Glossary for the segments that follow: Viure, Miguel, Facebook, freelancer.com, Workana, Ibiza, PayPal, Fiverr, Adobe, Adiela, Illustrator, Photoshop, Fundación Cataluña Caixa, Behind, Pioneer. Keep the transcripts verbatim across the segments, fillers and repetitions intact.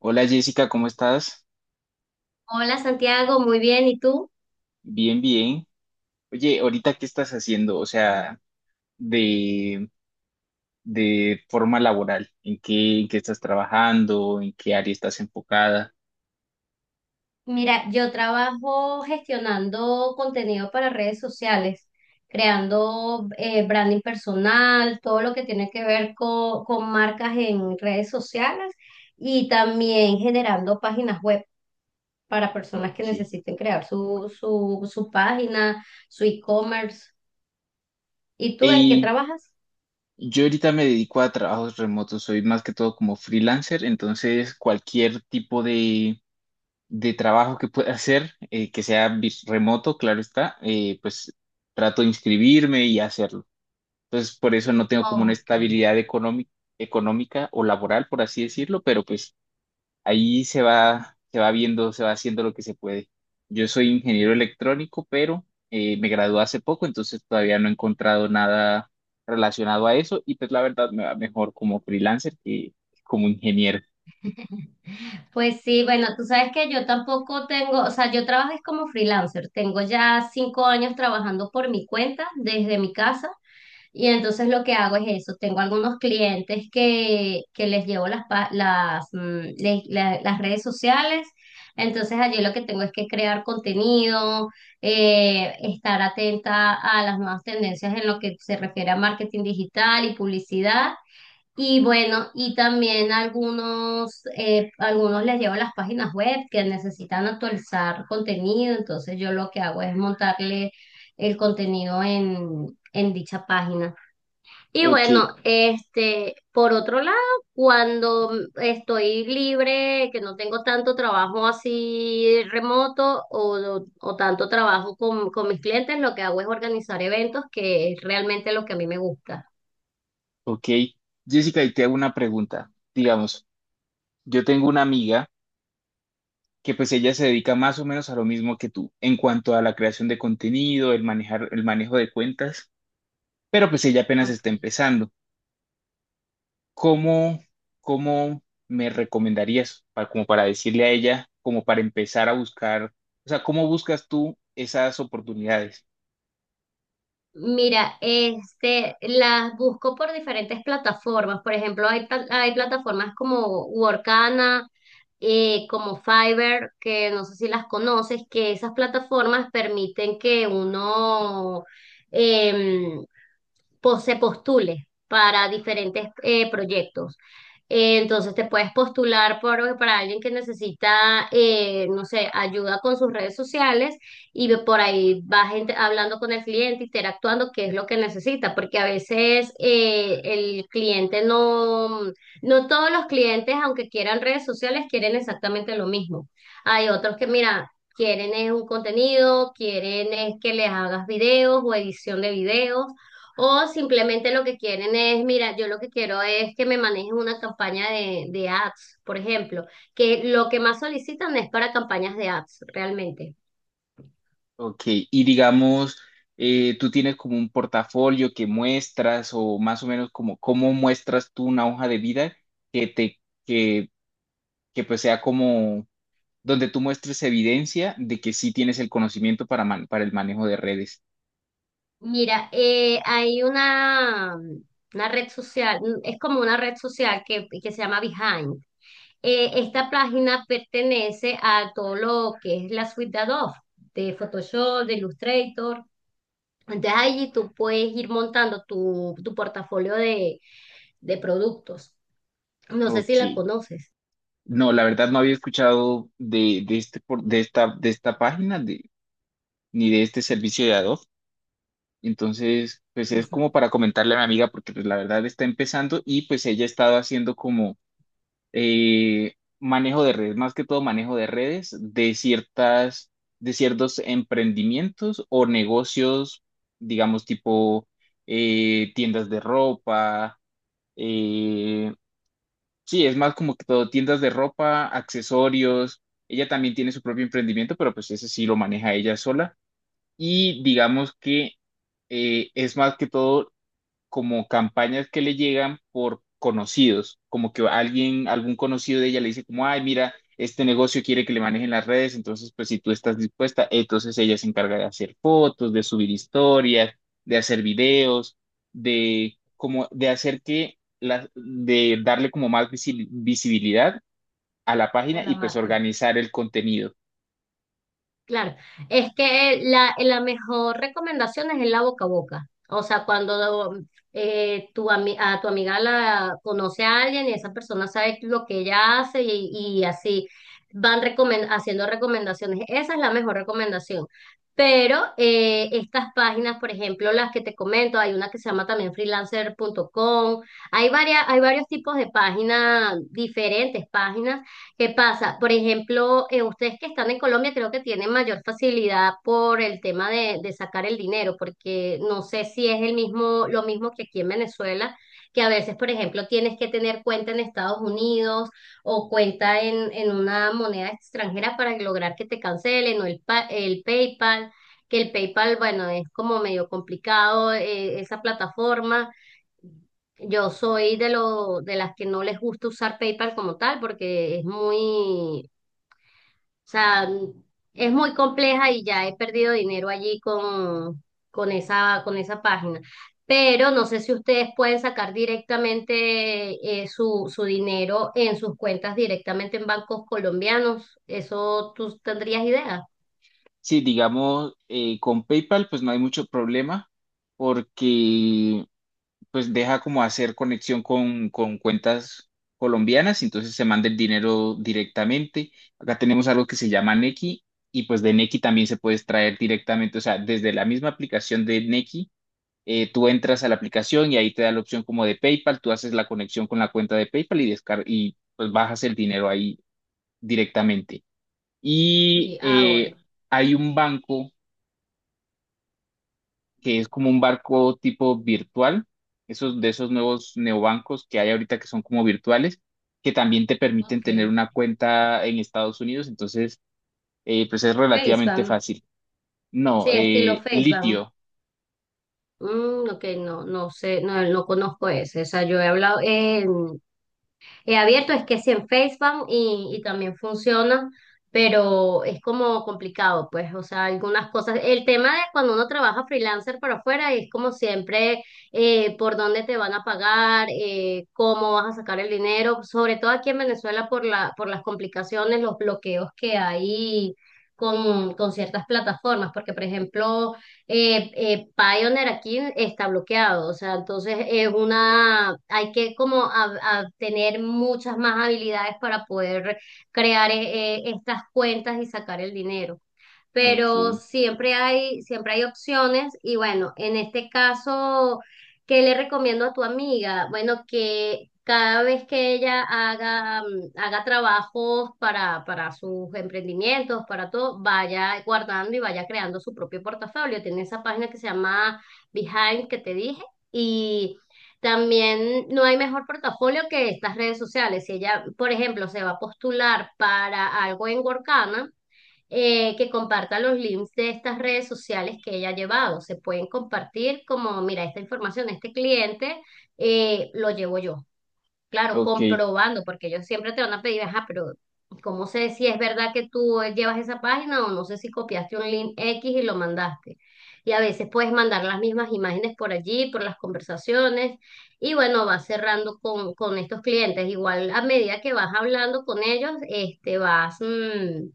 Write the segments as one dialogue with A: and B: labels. A: Hola Jessica, ¿cómo estás?
B: Hola Santiago, muy bien. ¿Y tú?
A: Bien, bien. Oye, ahorita qué estás haciendo, o sea, de, de forma laboral, ¿en qué, en qué estás trabajando? ¿En qué área estás enfocada?
B: Mira, yo trabajo gestionando contenido para redes sociales, creando eh, branding personal, todo lo que tiene que ver co- con, marcas en redes sociales y también generando páginas web para personas que
A: Ok.
B: necesiten crear su, su, su página, su e-commerce. ¿Y tú en qué
A: Y
B: trabajas?
A: yo ahorita me dedico a trabajos remotos, soy más que todo como freelancer, entonces cualquier tipo de, de trabajo que pueda hacer, eh, que sea vis- remoto, claro está, eh, pues trato de inscribirme y hacerlo. Entonces, por eso no tengo como una
B: Ok.
A: estabilidad económica, económica o laboral, por así decirlo, pero pues ahí se va, se va viendo, se va haciendo lo que se puede. Yo soy ingeniero electrónico, pero eh, me gradué hace poco, entonces todavía no he encontrado nada relacionado a eso y pues la verdad me va mejor como freelancer que como ingeniero.
B: Pues sí, bueno, tú sabes que yo tampoco tengo, o sea, yo trabajo es como freelancer, tengo ya cinco años trabajando por mi cuenta desde mi casa y entonces lo que hago es eso, tengo algunos clientes que, que les llevo las, pa- las, mm, le- la- las redes sociales, entonces allí lo que tengo es que crear contenido, eh, estar atenta a las nuevas tendencias en lo que se refiere a marketing digital y publicidad. Y bueno, y también algunos, eh, algunos les llevo las páginas web que necesitan actualizar contenido, entonces yo lo que hago es montarle el contenido en, en dicha página. Y
A: Ok,
B: bueno, este, por otro lado, cuando estoy libre, que no tengo tanto trabajo así remoto o, o tanto trabajo con, con mis clientes, lo que hago es organizar eventos, que es realmente lo que a mí me gusta.
A: ok. Jessica, y te hago una pregunta. Digamos, yo tengo una amiga. Que pues ella se dedica más o menos a lo mismo que tú en cuanto a la creación de contenido, el manejar, el manejo de cuentas, pero pues ella apenas está
B: Ok.
A: empezando. ¿Cómo, cómo me recomendarías para, como para decirle a ella, como para empezar a buscar, o sea, ¿cómo buscas tú esas oportunidades?
B: Mira, este, las busco por diferentes plataformas. Por ejemplo, hay, pla- hay plataformas como Workana, eh, como Fiverr, que no sé si las conoces, que esas plataformas permiten que uno em, po- se postule para diferentes eh, proyectos. Eh, Entonces te puedes postular por, para alguien que necesita, eh, no sé, ayuda con sus redes sociales y ve- por ahí vas int- hablando con el cliente, interactuando, qué es lo que necesita, porque a veces eh, el cliente no, no todos los clientes, aunque quieran redes sociales, quieren exactamente lo mismo. Hay otros que, mira, quieren es un contenido, quieren es que les hagas videos o edición de videos. O simplemente lo que quieren es, mira, yo lo que quiero es que me manejen una campaña de, de ads, por ejemplo, que lo que más solicitan es para campañas de ads, realmente.
A: Ok, y digamos, eh, tú tienes como un portafolio que muestras o más o menos como cómo muestras tú una hoja de vida que te, que, que pues sea como donde tú muestres evidencia de que sí tienes el conocimiento para, man- para el manejo de redes.
B: Mira, eh, hay una, una red social, es como una red social que, que se llama Behind. Eh, esta página pertenece a todo lo que es la suite de Adobe, de Photoshop, de Illustrator. Entonces allí tú puedes ir montando tu, tu portafolio de, de productos. No sé si
A: Ok.
B: la conoces.
A: No, la verdad no había escuchado de, de, este, por- de, esta, de esta página de, ni de este servicio de Adobe. Entonces, pues
B: O
A: es como para comentarle a mi amiga porque pues la verdad está empezando y pues ella ha estado haciendo como eh, manejo de redes, más que todo manejo de redes de ciertas, de ciertos emprendimientos o negocios, digamos tipo eh, tiendas de ropa. Eh, sí, es más como que todo, tiendas de ropa, accesorios. Ella también tiene su propio emprendimiento, pero pues ese sí lo maneja ella sola. Y digamos que eh, es más que todo como campañas que le llegan por conocidos, como que alguien, algún conocido de ella le dice como, ay, mira, este negocio quiere que le manejen las redes, entonces pues si tú estás dispuesta, entonces ella se encarga de hacer fotos, de subir historias, de hacer videos, de como de hacer que la, de darle como más visi- visibilidad a la
B: a
A: página
B: la
A: y pues
B: marca.
A: organizar el contenido.
B: Claro, es que la, la mejor recomendación es en la boca a boca. O sea, cuando mm, eh, tu ami- a tu amiga la conoce a alguien y esa persona sabe lo que ella hace y, y así van recomen- haciendo recomendaciones. Esa es la mejor recomendación. Pero eh, estas páginas, por ejemplo, las que te comento, hay una que se llama también freelancer freelancer.com, hay varias, hay varios tipos de páginas, diferentes páginas. ¿Qué pasa? Por ejemplo, eh, ustedes que están en Colombia creo que tienen mayor facilidad por el tema de, de sacar el dinero, porque no sé si es el mismo, lo mismo que aquí en Venezuela, que a veces, por ejemplo, tienes que tener cuenta en Estados Unidos o cuenta en, en una moneda extranjera para lograr que te cancelen o el, pa- el PayPal, que el PayPal, bueno, es como medio complicado eh, esa plataforma. Yo soy de lo, de las que no les gusta usar PayPal como tal, porque es muy, o sea, es muy compleja y ya he perdido dinero allí con, con esa, con esa página. Pero no sé si ustedes pueden sacar directamente eh, su, su dinero en sus cuentas directamente en bancos colombianos. ¿Eso tú tendrías idea?
A: Sí, digamos, eh, con PayPal pues no hay mucho problema porque pues deja como hacer conexión con, con cuentas colombianas, entonces se manda el dinero directamente. Acá tenemos algo que se llama Nequi y pues de Nequi también se puede extraer directamente, o sea, desde la misma aplicación de Nequi, eh, tú entras a la aplicación y ahí te da la opción como de PayPal, tú haces la conexión con la cuenta de PayPal y, descar y pues bajas el dinero ahí directamente. Y
B: Sí, ah,
A: eh,
B: bueno.
A: hay un banco que es como un barco tipo virtual, esos de esos nuevos neobancos que hay ahorita que son como virtuales, que también te permiten
B: Ok.
A: tener una cuenta en Estados Unidos, entonces eh, pues es relativamente
B: Facebook.
A: fácil. No,
B: Sí, estilo
A: eh,
B: Facebook.
A: litio.
B: Mm, ok, no, no sé, no, no conozco ese. O sea, yo he hablado, eh, he abierto, es que sí en Facebook y, y también funciona, pero es como complicado, pues, o sea, algunas cosas. El tema de cuando uno trabaja freelancer para afuera es como siempre eh, por dónde te van a pagar, eh, cómo vas a sacar el dinero, sobre todo aquí en Venezuela por la, por las complicaciones, los bloqueos que hay con, con ciertas plataformas, porque por ejemplo eh, eh, Pioneer aquí está bloqueado, o sea, entonces es una, hay que como a- a tener muchas más habilidades para poder crear eh, eh, estas cuentas y sacar el dinero,
A: Ok,
B: pero siempre hay, siempre hay opciones y bueno, en este caso, ¿qué le recomiendo a tu amiga? Bueno, que cada vez que ella haga, mm, haga trabajos para, para sus emprendimientos, para todo, vaya guardando y vaya creando su propio portafolio. Tiene esa página que se llama Behind que te dije y también no hay mejor portafolio que estas redes sociales. Si ella, por ejemplo, se va a postular para algo en Workana, eh, que comparta los links de estas redes sociales que ella ha llevado. Se pueden compartir como, mira, esta información, este cliente eh, lo llevo yo. Claro,
A: ok,
B: comprobando, porque ellos siempre te van a pedir, ajá, pero ¿cómo sé si es verdad que tú llevas esa página o no sé si copiaste un link X y lo mandaste? Y a veces puedes mandar las mismas imágenes por allí, por las conversaciones, y bueno, vas cerrando con, con estos clientes. Igual a medida que vas hablando con ellos, este, vas, mm,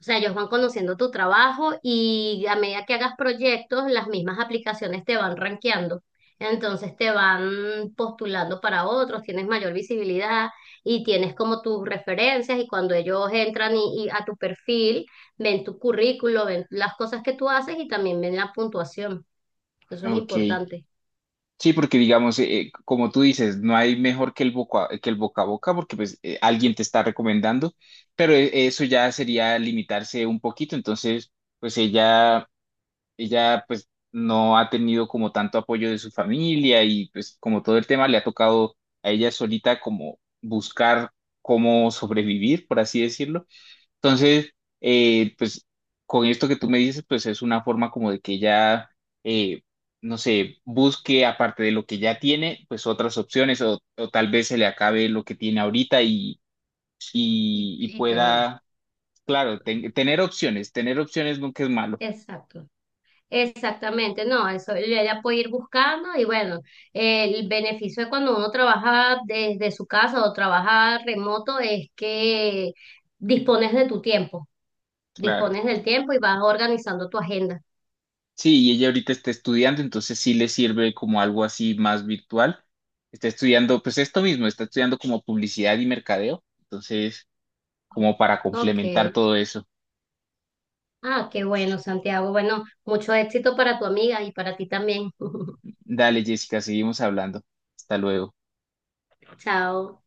B: o sea, ellos van conociendo tu trabajo y a medida que hagas proyectos, las mismas aplicaciones te van rankeando. Entonces te van postulando para otros, tienes mayor visibilidad y tienes como tus referencias y cuando ellos entran y, y a tu perfil, ven tu currículo, ven las cosas que tú haces y también ven la puntuación. Eso es
A: ok.
B: importante.
A: Sí, porque digamos, eh, como tú dices, no hay mejor que el boca, que el boca a boca, porque pues eh, alguien te está recomendando, pero eh, eso ya sería limitarse un poquito, entonces pues ella ella pues no ha tenido como tanto apoyo de su familia y pues como todo el tema le ha tocado a ella solita como buscar cómo sobrevivir, por así decirlo. Entonces, eh, pues con esto que tú me dices, pues es una forma como de que ella, eh, no sé, busque aparte de lo que ya tiene, pues otras opciones o, o tal vez se le acabe lo que tiene ahorita y,
B: Y,
A: y, y
B: y tengan.
A: pueda, claro, ten- tener opciones, tener opciones nunca es malo,
B: Exacto. Exactamente, no, eso ella puede ir buscando y bueno, el beneficio de cuando uno trabaja desde su casa o trabaja remoto es que dispones de tu tiempo,
A: claro.
B: dispones del tiempo y vas organizando tu agenda.
A: Sí, y ella ahorita está estudiando, entonces sí le sirve como algo así más virtual. Está estudiando, pues esto mismo, está estudiando como publicidad y mercadeo, entonces como para
B: Ok.
A: complementar todo eso.
B: Ah, qué bueno, Santiago. Bueno, mucho éxito para tu amiga y para ti también.
A: Dale, Jessica, seguimos hablando. Hasta luego.
B: Chao.